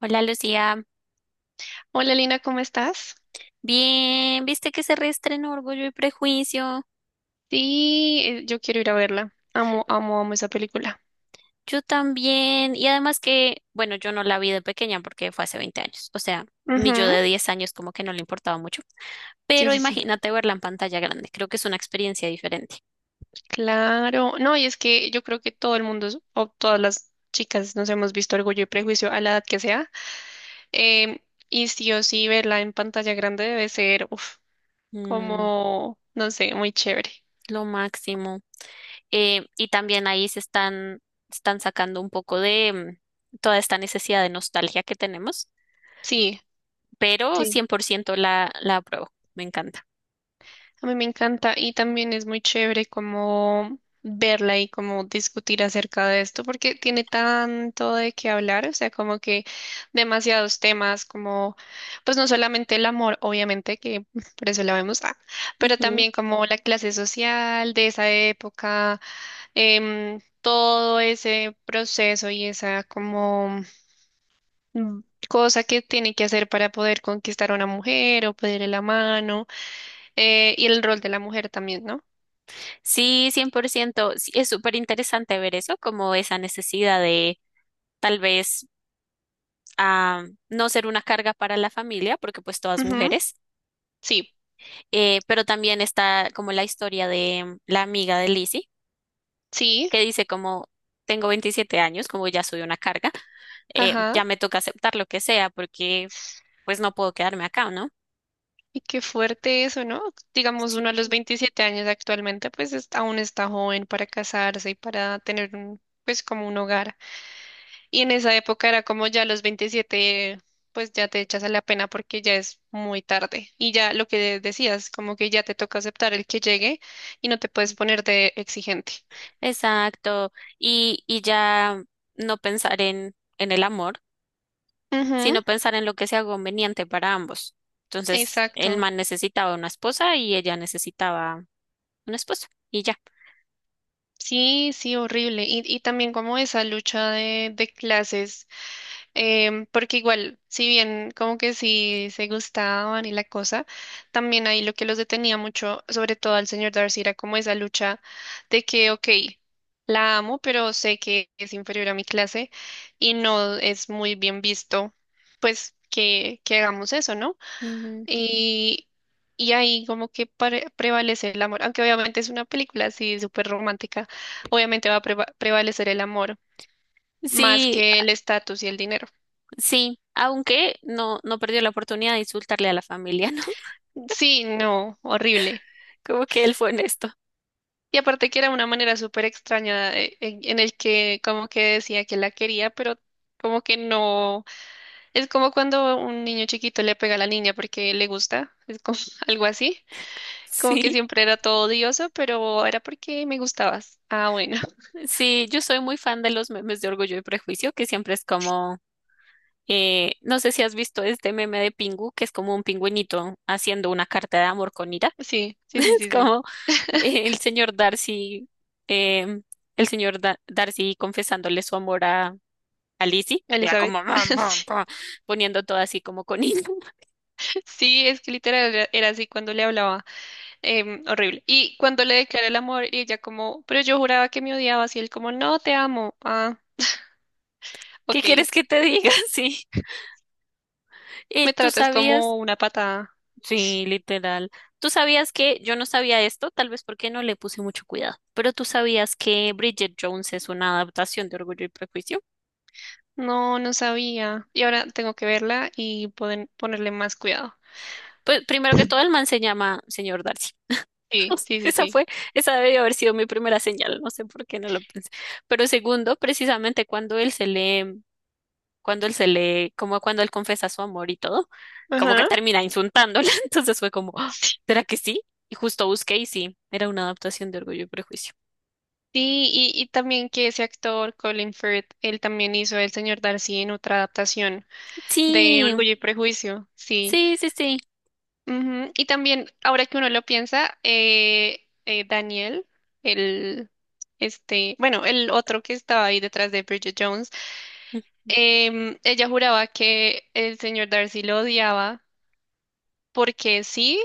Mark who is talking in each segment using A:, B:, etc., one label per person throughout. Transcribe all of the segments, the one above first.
A: Hola Lucía,
B: Hola Lina, ¿cómo estás?
A: bien, viste que se reestrenó Orgullo y Prejuicio,
B: Sí, yo quiero ir a verla. Amo, amo, amo esa película.
A: yo también, y además que, bueno, yo no la vi de pequeña porque fue hace 20 años, o sea, mi yo
B: Ujú.
A: de 10 años como que no le importaba mucho,
B: Sí,
A: pero
B: sí, sí.
A: imagínate verla en pantalla grande, creo que es una experiencia diferente.
B: Claro. No, y es que yo creo que todo el mundo, o todas las chicas, nos hemos visto Orgullo y Prejuicio a la edad que sea. Em, y sí o sí, verla en pantalla grande debe ser, uf,
A: Mm,
B: como, no sé, muy chévere.
A: lo máximo. Y también ahí están sacando un poco de toda esta necesidad de nostalgia que tenemos,
B: Sí,
A: pero
B: sí.
A: 100% la apruebo, me encanta.
B: A mí me encanta y también es muy chévere como verla y como discutir acerca de esto porque tiene tanto de qué hablar, o sea, como que demasiados temas como pues no solamente el amor, obviamente que por eso la vemos, ah, pero también como la clase social de esa época, todo ese proceso y esa como mm, cosa que tiene que hacer para poder conquistar a una mujer o pedirle la mano, y el rol de la mujer también, ¿no?
A: Sí, 100%. Sí, es súper interesante ver eso, como esa necesidad de tal vez ah, no ser una carga para la familia, porque pues todas
B: Ujú.
A: mujeres.
B: Sí,
A: Pero también está como la historia de la amiga de Lizzie,
B: sí,
A: que dice como tengo 27 años, como ya soy una carga,
B: ajá.
A: ya me toca aceptar lo que sea, porque pues no puedo quedarme acá, ¿no?
B: Y qué fuerte eso, ¿no? Digamos, uno a los
A: Sí.
B: 27 años actualmente, pues es- aún está joven para casarse y para tener un, pues como un hogar. Y en esa época era como ya a los 27 pues ya te echas a la pena porque ya es muy tarde. Y ya lo que decías, como que ya te toca aceptar el que llegue y no te puedes poner de exigente.
A: Exacto. Y ya no pensar en el amor,
B: Ujú.
A: sino pensar en lo que sea conveniente para ambos. Entonces, el
B: Exacto.
A: man necesitaba una esposa y ella necesitaba un esposo y ya.
B: Sí, sí, horrible. Y también como esa lucha de clases, porque igual, si bien como que sí se gustaban y la cosa, también ahí lo que los detenía mucho, sobre todo al señor Darcy, era como esa lucha de que, ok, la amo, pero sé que es inferior a mi clase y no es muy bien visto, pues que hagamos eso, ¿no?
A: Ujú.
B: Y, y ahí como que pare- prevalece el amor, aunque obviamente es una película así súper romántica, obviamente va a preva- prevalecer el amor más
A: Sí,
B: que el estatus y el dinero.
A: sí, aunque no, no perdió la oportunidad de insultarle a la familia, ¿no?
B: Sí, no, horrible.
A: Como que él fue honesto.
B: Y aparte que era una manera súper extraña en el que como que decía que la quería, pero como que no. Es como cuando un niño chiquito le pega a la niña porque le gusta, es como algo así, como que
A: Sí,
B: siempre era todo odioso, pero era porque me gustabas. Ah, bueno,
A: sí, yo soy muy fan de los memes de Orgullo y Prejuicio, que siempre es como, no sé si has visto este meme de Pingu, que es como un pingüinito haciendo una carta de amor con ira.
B: sí, sí, sí,
A: Es
B: sí, sí.
A: como el señor Darcy, eh, el señor Darcy confesándole su amor a Lizzie, y era
B: Elizabeth,
A: como "Mam, pam,
B: sí,
A: pam", poniendo todo así como con hilo.
B: sí, es que literal era, era así cuando le hablaba, horrible. Y cuando le declaré el amor, y ella como, pero yo juraba que me odiabas, y él como, no, te amo. Ah,
A: ¿Qué
B: ok,
A: quieres que te diga? Sí.
B: me
A: ¿Tú
B: tratas
A: sabías?
B: como una patada.
A: Sí, literal. ¿Tú sabías que yo no sabía esto? Tal vez porque no le puse mucho cuidado. Pero ¿tú sabías que Bridget Jones es una adaptación de Orgullo y Prejuicio?
B: No, no sabía. Y ahora tengo que verla y poder ponerle más cuidado.
A: Pues primero que todo, el man se llama señor Darcy. No
B: Sí,
A: sé,
B: sí, sí,
A: Esa
B: sí.
A: fue, esa debió haber sido mi primera señal, no sé por qué no lo pensé. Pero segundo, precisamente cuando él se le, cuando él se le, como cuando él confesa su amor y todo, como que
B: Ajá.
A: termina insultándola, entonces fue como, "Ah, ¿será que sí? Y justo busqué y sí, era una adaptación de Orgullo y Prejuicio.
B: Sí, y también que ese actor, Colin Firth, él también hizo El Señor Darcy en otra adaptación de
A: Sí,
B: Orgullo y Prejuicio. Sí.
A: sí, sí, sí,
B: Ujú. Y también, ahora que uno lo piensa, Daniel, el, este, bueno, el otro que estaba ahí detrás de Bridget Jones,
A: mm,
B: ella juraba que el señor Darcy lo odiaba porque sí,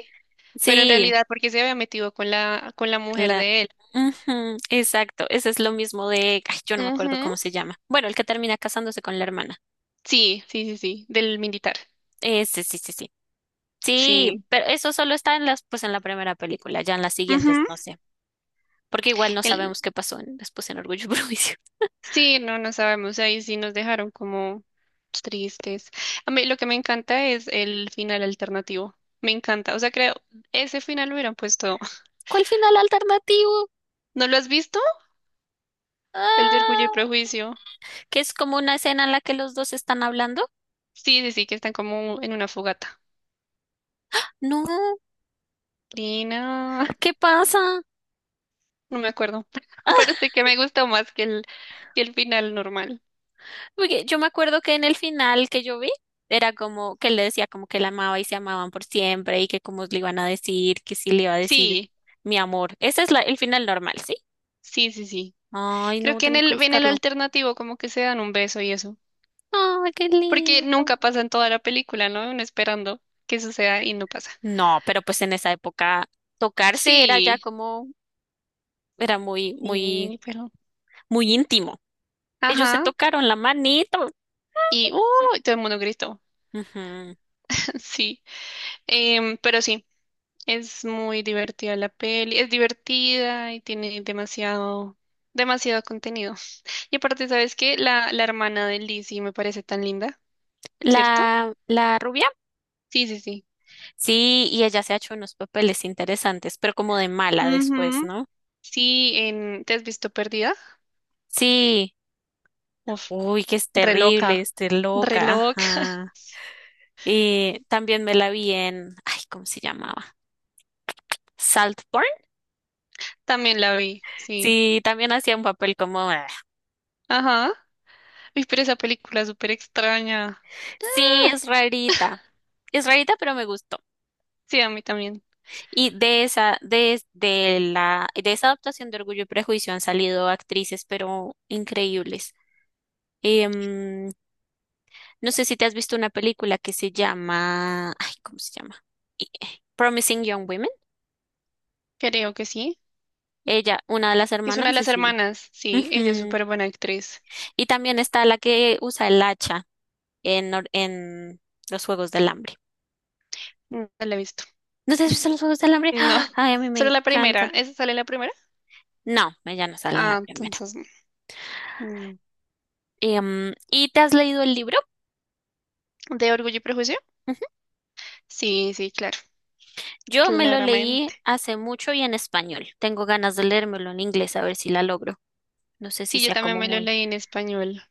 B: pero en
A: sí,
B: realidad porque se había metido con la mujer
A: la,
B: de él.
A: ujú, exacto, ese es lo mismo de, ay, yo no me acuerdo
B: Ujú.
A: cómo se llama. Bueno, el que termina casándose con la hermana.
B: Sí, sí, sí, sí, del militar.
A: Ese, sí, sí, sí. Sí,
B: Sí.
A: pero eso solo está pues en la primera película, ya en las siguientes
B: Ujú,
A: no sé, porque igual no
B: el-
A: sabemos qué pasó después en Orgullo y Prejuicio.
B: sí, no, no sabemos, ahí sí nos dejaron como tristes. A mí lo que me encanta es el final alternativo, me encanta, o sea, creo, ese final lo hubieran puesto.
A: ¿Cuál final alternativo?
B: ¿No lo has visto? El de Orgullo y
A: Ah,
B: Prejuicio.
A: que es como una escena en la que los dos están hablando.
B: Sí, sí, sí, que están como en una fogata.
A: No,
B: Lina,
A: ¿qué pasa?
B: no no me acuerdo,
A: Ah,
B: pero sí que me gustó más que el final normal.
A: porque yo me acuerdo que en el final que yo vi era como que él le decía como que la amaba y se amaban por siempre y que cómo le iban a decir, que sí le iba a decir
B: Sí,
A: mi amor. Ese es el final normal, ¿sí?
B: sí, sí, sí.
A: Ay,
B: Creo
A: no,
B: que
A: tengo que
B: en el
A: buscarlo.
B: alternativo como que se dan un beso y eso,
A: Ay, qué
B: porque
A: lindo.
B: nunca pasa en toda la película, ¿no? Uno esperando que suceda y no pasa.
A: No, pero pues en esa época tocarse era ya
B: Sí,
A: como, era muy, muy,
B: y, pero,
A: muy íntimo. Ellos se
B: ajá,
A: tocaron la manito.
B: y, uy, todo el mundo gritó,
A: Ujú.
B: sí. Pero sí, es muy divertida la peli, es divertida y tiene demasiado, demasiado contenido. Y aparte, ¿sabes qué? La hermana de Lizzie me parece tan linda, ¿cierto?
A: La rubia,
B: Sí, sí, sí.
A: sí, y ella se ha hecho unos papeles interesantes, pero como de mala después,
B: Ujú.
A: ¿no?
B: Sí, en, ¿te has visto Perdida?
A: Sí,
B: Uf,
A: uy, que es
B: re loca,
A: terrible, esté
B: re
A: loca,
B: loca,
A: ajá. Y también me la vi en, ay, ¿cómo se llamaba? Saltburn.
B: también la vi, sí,
A: Sí, también hacía un papel como,
B: ajá. Uy, pero esa película es súper extraña,
A: sí, es rarita. Es rarita, pero me gusta.
B: sí, a mí también.
A: Y de esa adaptación de Orgullo y Prejuicio han salido actrices, pero increíbles. Em, no sé si te has visto una película que se llama, ay, ¿cómo se llama? Promising Young Women.
B: Creo que sí.
A: Ella, una de las
B: Es una de
A: hermanas,
B: las
A: es ella.
B: hermanas. Sí, ella es
A: Ujú.
B: súper buena actriz.
A: Y también está la que usa el hacha en, en los Juegos del Hambre.
B: No la he visto.
A: ¿No te has visto los Juegos del Hambre?
B: No,
A: ¡Ah! Ay, a mí me
B: solo la primera.
A: encantan.
B: ¿Esa sale la primera?
A: No, ella no sale en
B: Ah,
A: la primera.
B: entonces no.
A: ¿Y te has leído el libro?
B: ¿De Orgullo y Prejuicio? Sí, sí, claro.
A: Yo me lo leí
B: Claramente.
A: hace mucho y en español. Tengo ganas de leérmelo en inglés a ver si la logro. No sé si
B: Sí, yo
A: sea
B: también
A: como
B: me lo
A: muy.
B: leí en español.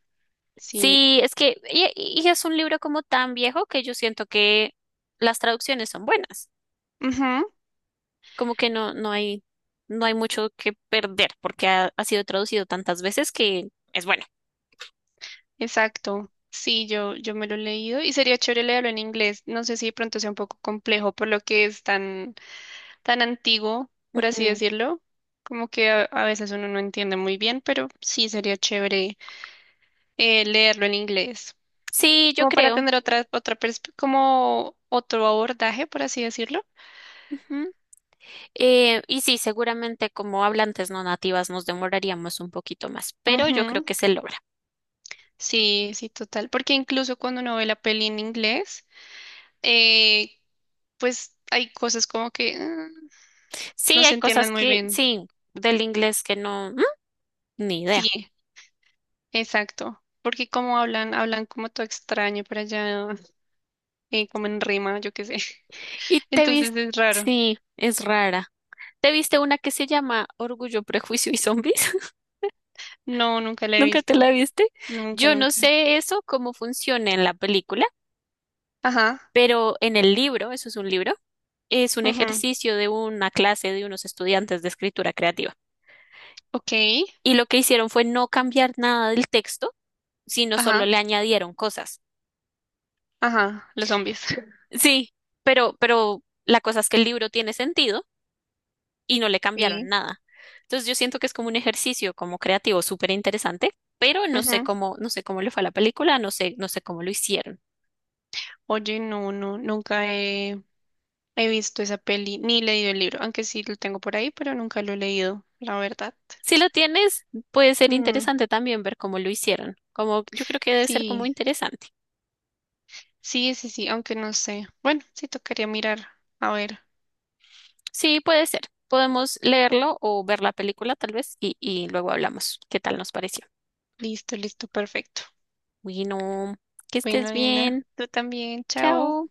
B: Sí.
A: Sí, es que y es un libro como tan viejo que yo siento que las traducciones son buenas.
B: Ujú,
A: Como que no hay mucho que perder porque ha sido traducido tantas veces que es bueno.
B: exacto. Sí, yo me lo he leído y sería chévere leerlo en inglés. No sé si de pronto sea un poco complejo por lo que es tan, tan antiguo, por así
A: Ujú.
B: decirlo. Como que a veces uno no entiende muy bien, pero sí sería chévere leerlo en inglés,
A: Sí, yo
B: como para
A: creo.
B: tener otra, otra perspe- como otro abordaje, por así decirlo.
A: Ujú. Y sí, seguramente como hablantes no nativas nos demoraríamos un poquito más, pero yo creo
B: Ujú.
A: que se logra.
B: Sí, sí, total, porque incluso cuando uno ve la peli en inglés, eh, pues hay cosas como que ah, no
A: Sí,
B: se
A: hay
B: entienden
A: cosas
B: muy
A: que,
B: bien.
A: sí, del inglés que no, ni idea.
B: Sí, exacto, porque como hablan, hablan como todo extraño para allá, como en rima, yo qué sé.
A: Y te
B: Entonces
A: viste,
B: es raro.
A: sí, es rara. ¿Te viste una que se llama Orgullo, Prejuicio y Zombies?
B: No, nunca la he
A: ¿Nunca te
B: visto,
A: la viste?
B: nunca,
A: Yo no
B: nunca.
A: sé eso, cómo funciona en la película,
B: Ajá,
A: pero en el libro, eso es un libro, es un
B: ujú.
A: ejercicio de una clase de unos estudiantes de escritura creativa.
B: Ok,
A: Y lo que hicieron fue no cambiar nada del texto, sino solo
B: ajá.
A: le añadieron cosas.
B: Ajá, los zombies.
A: Sí, pero la cosa es que el libro tiene sentido y no le cambiaron
B: Sí.
A: nada. Entonces yo siento que es como un ejercicio como creativo súper interesante, pero no sé
B: Ujú.
A: cómo, no sé cómo le fue a la película, no sé, no sé cómo lo hicieron.
B: Oye, no, no, nunca he, he visto esa peli ni leído el libro, aunque sí lo tengo por ahí, pero nunca lo he leído, la verdad.
A: Si lo tienes, puede ser
B: Mm,
A: interesante también ver cómo lo hicieron. Como yo creo que debe ser como
B: sí,
A: interesante.
B: sí, sí, sí, aunque no sé. Bueno, sí tocaría mirar. A ver,
A: Sí, puede ser. Podemos leerlo o ver la película tal vez y luego hablamos qué tal nos pareció.
B: listo, listo, perfecto.
A: Bueno, que
B: Bueno,
A: estés
B: nena,
A: bien.
B: tú también, chao.
A: Chao.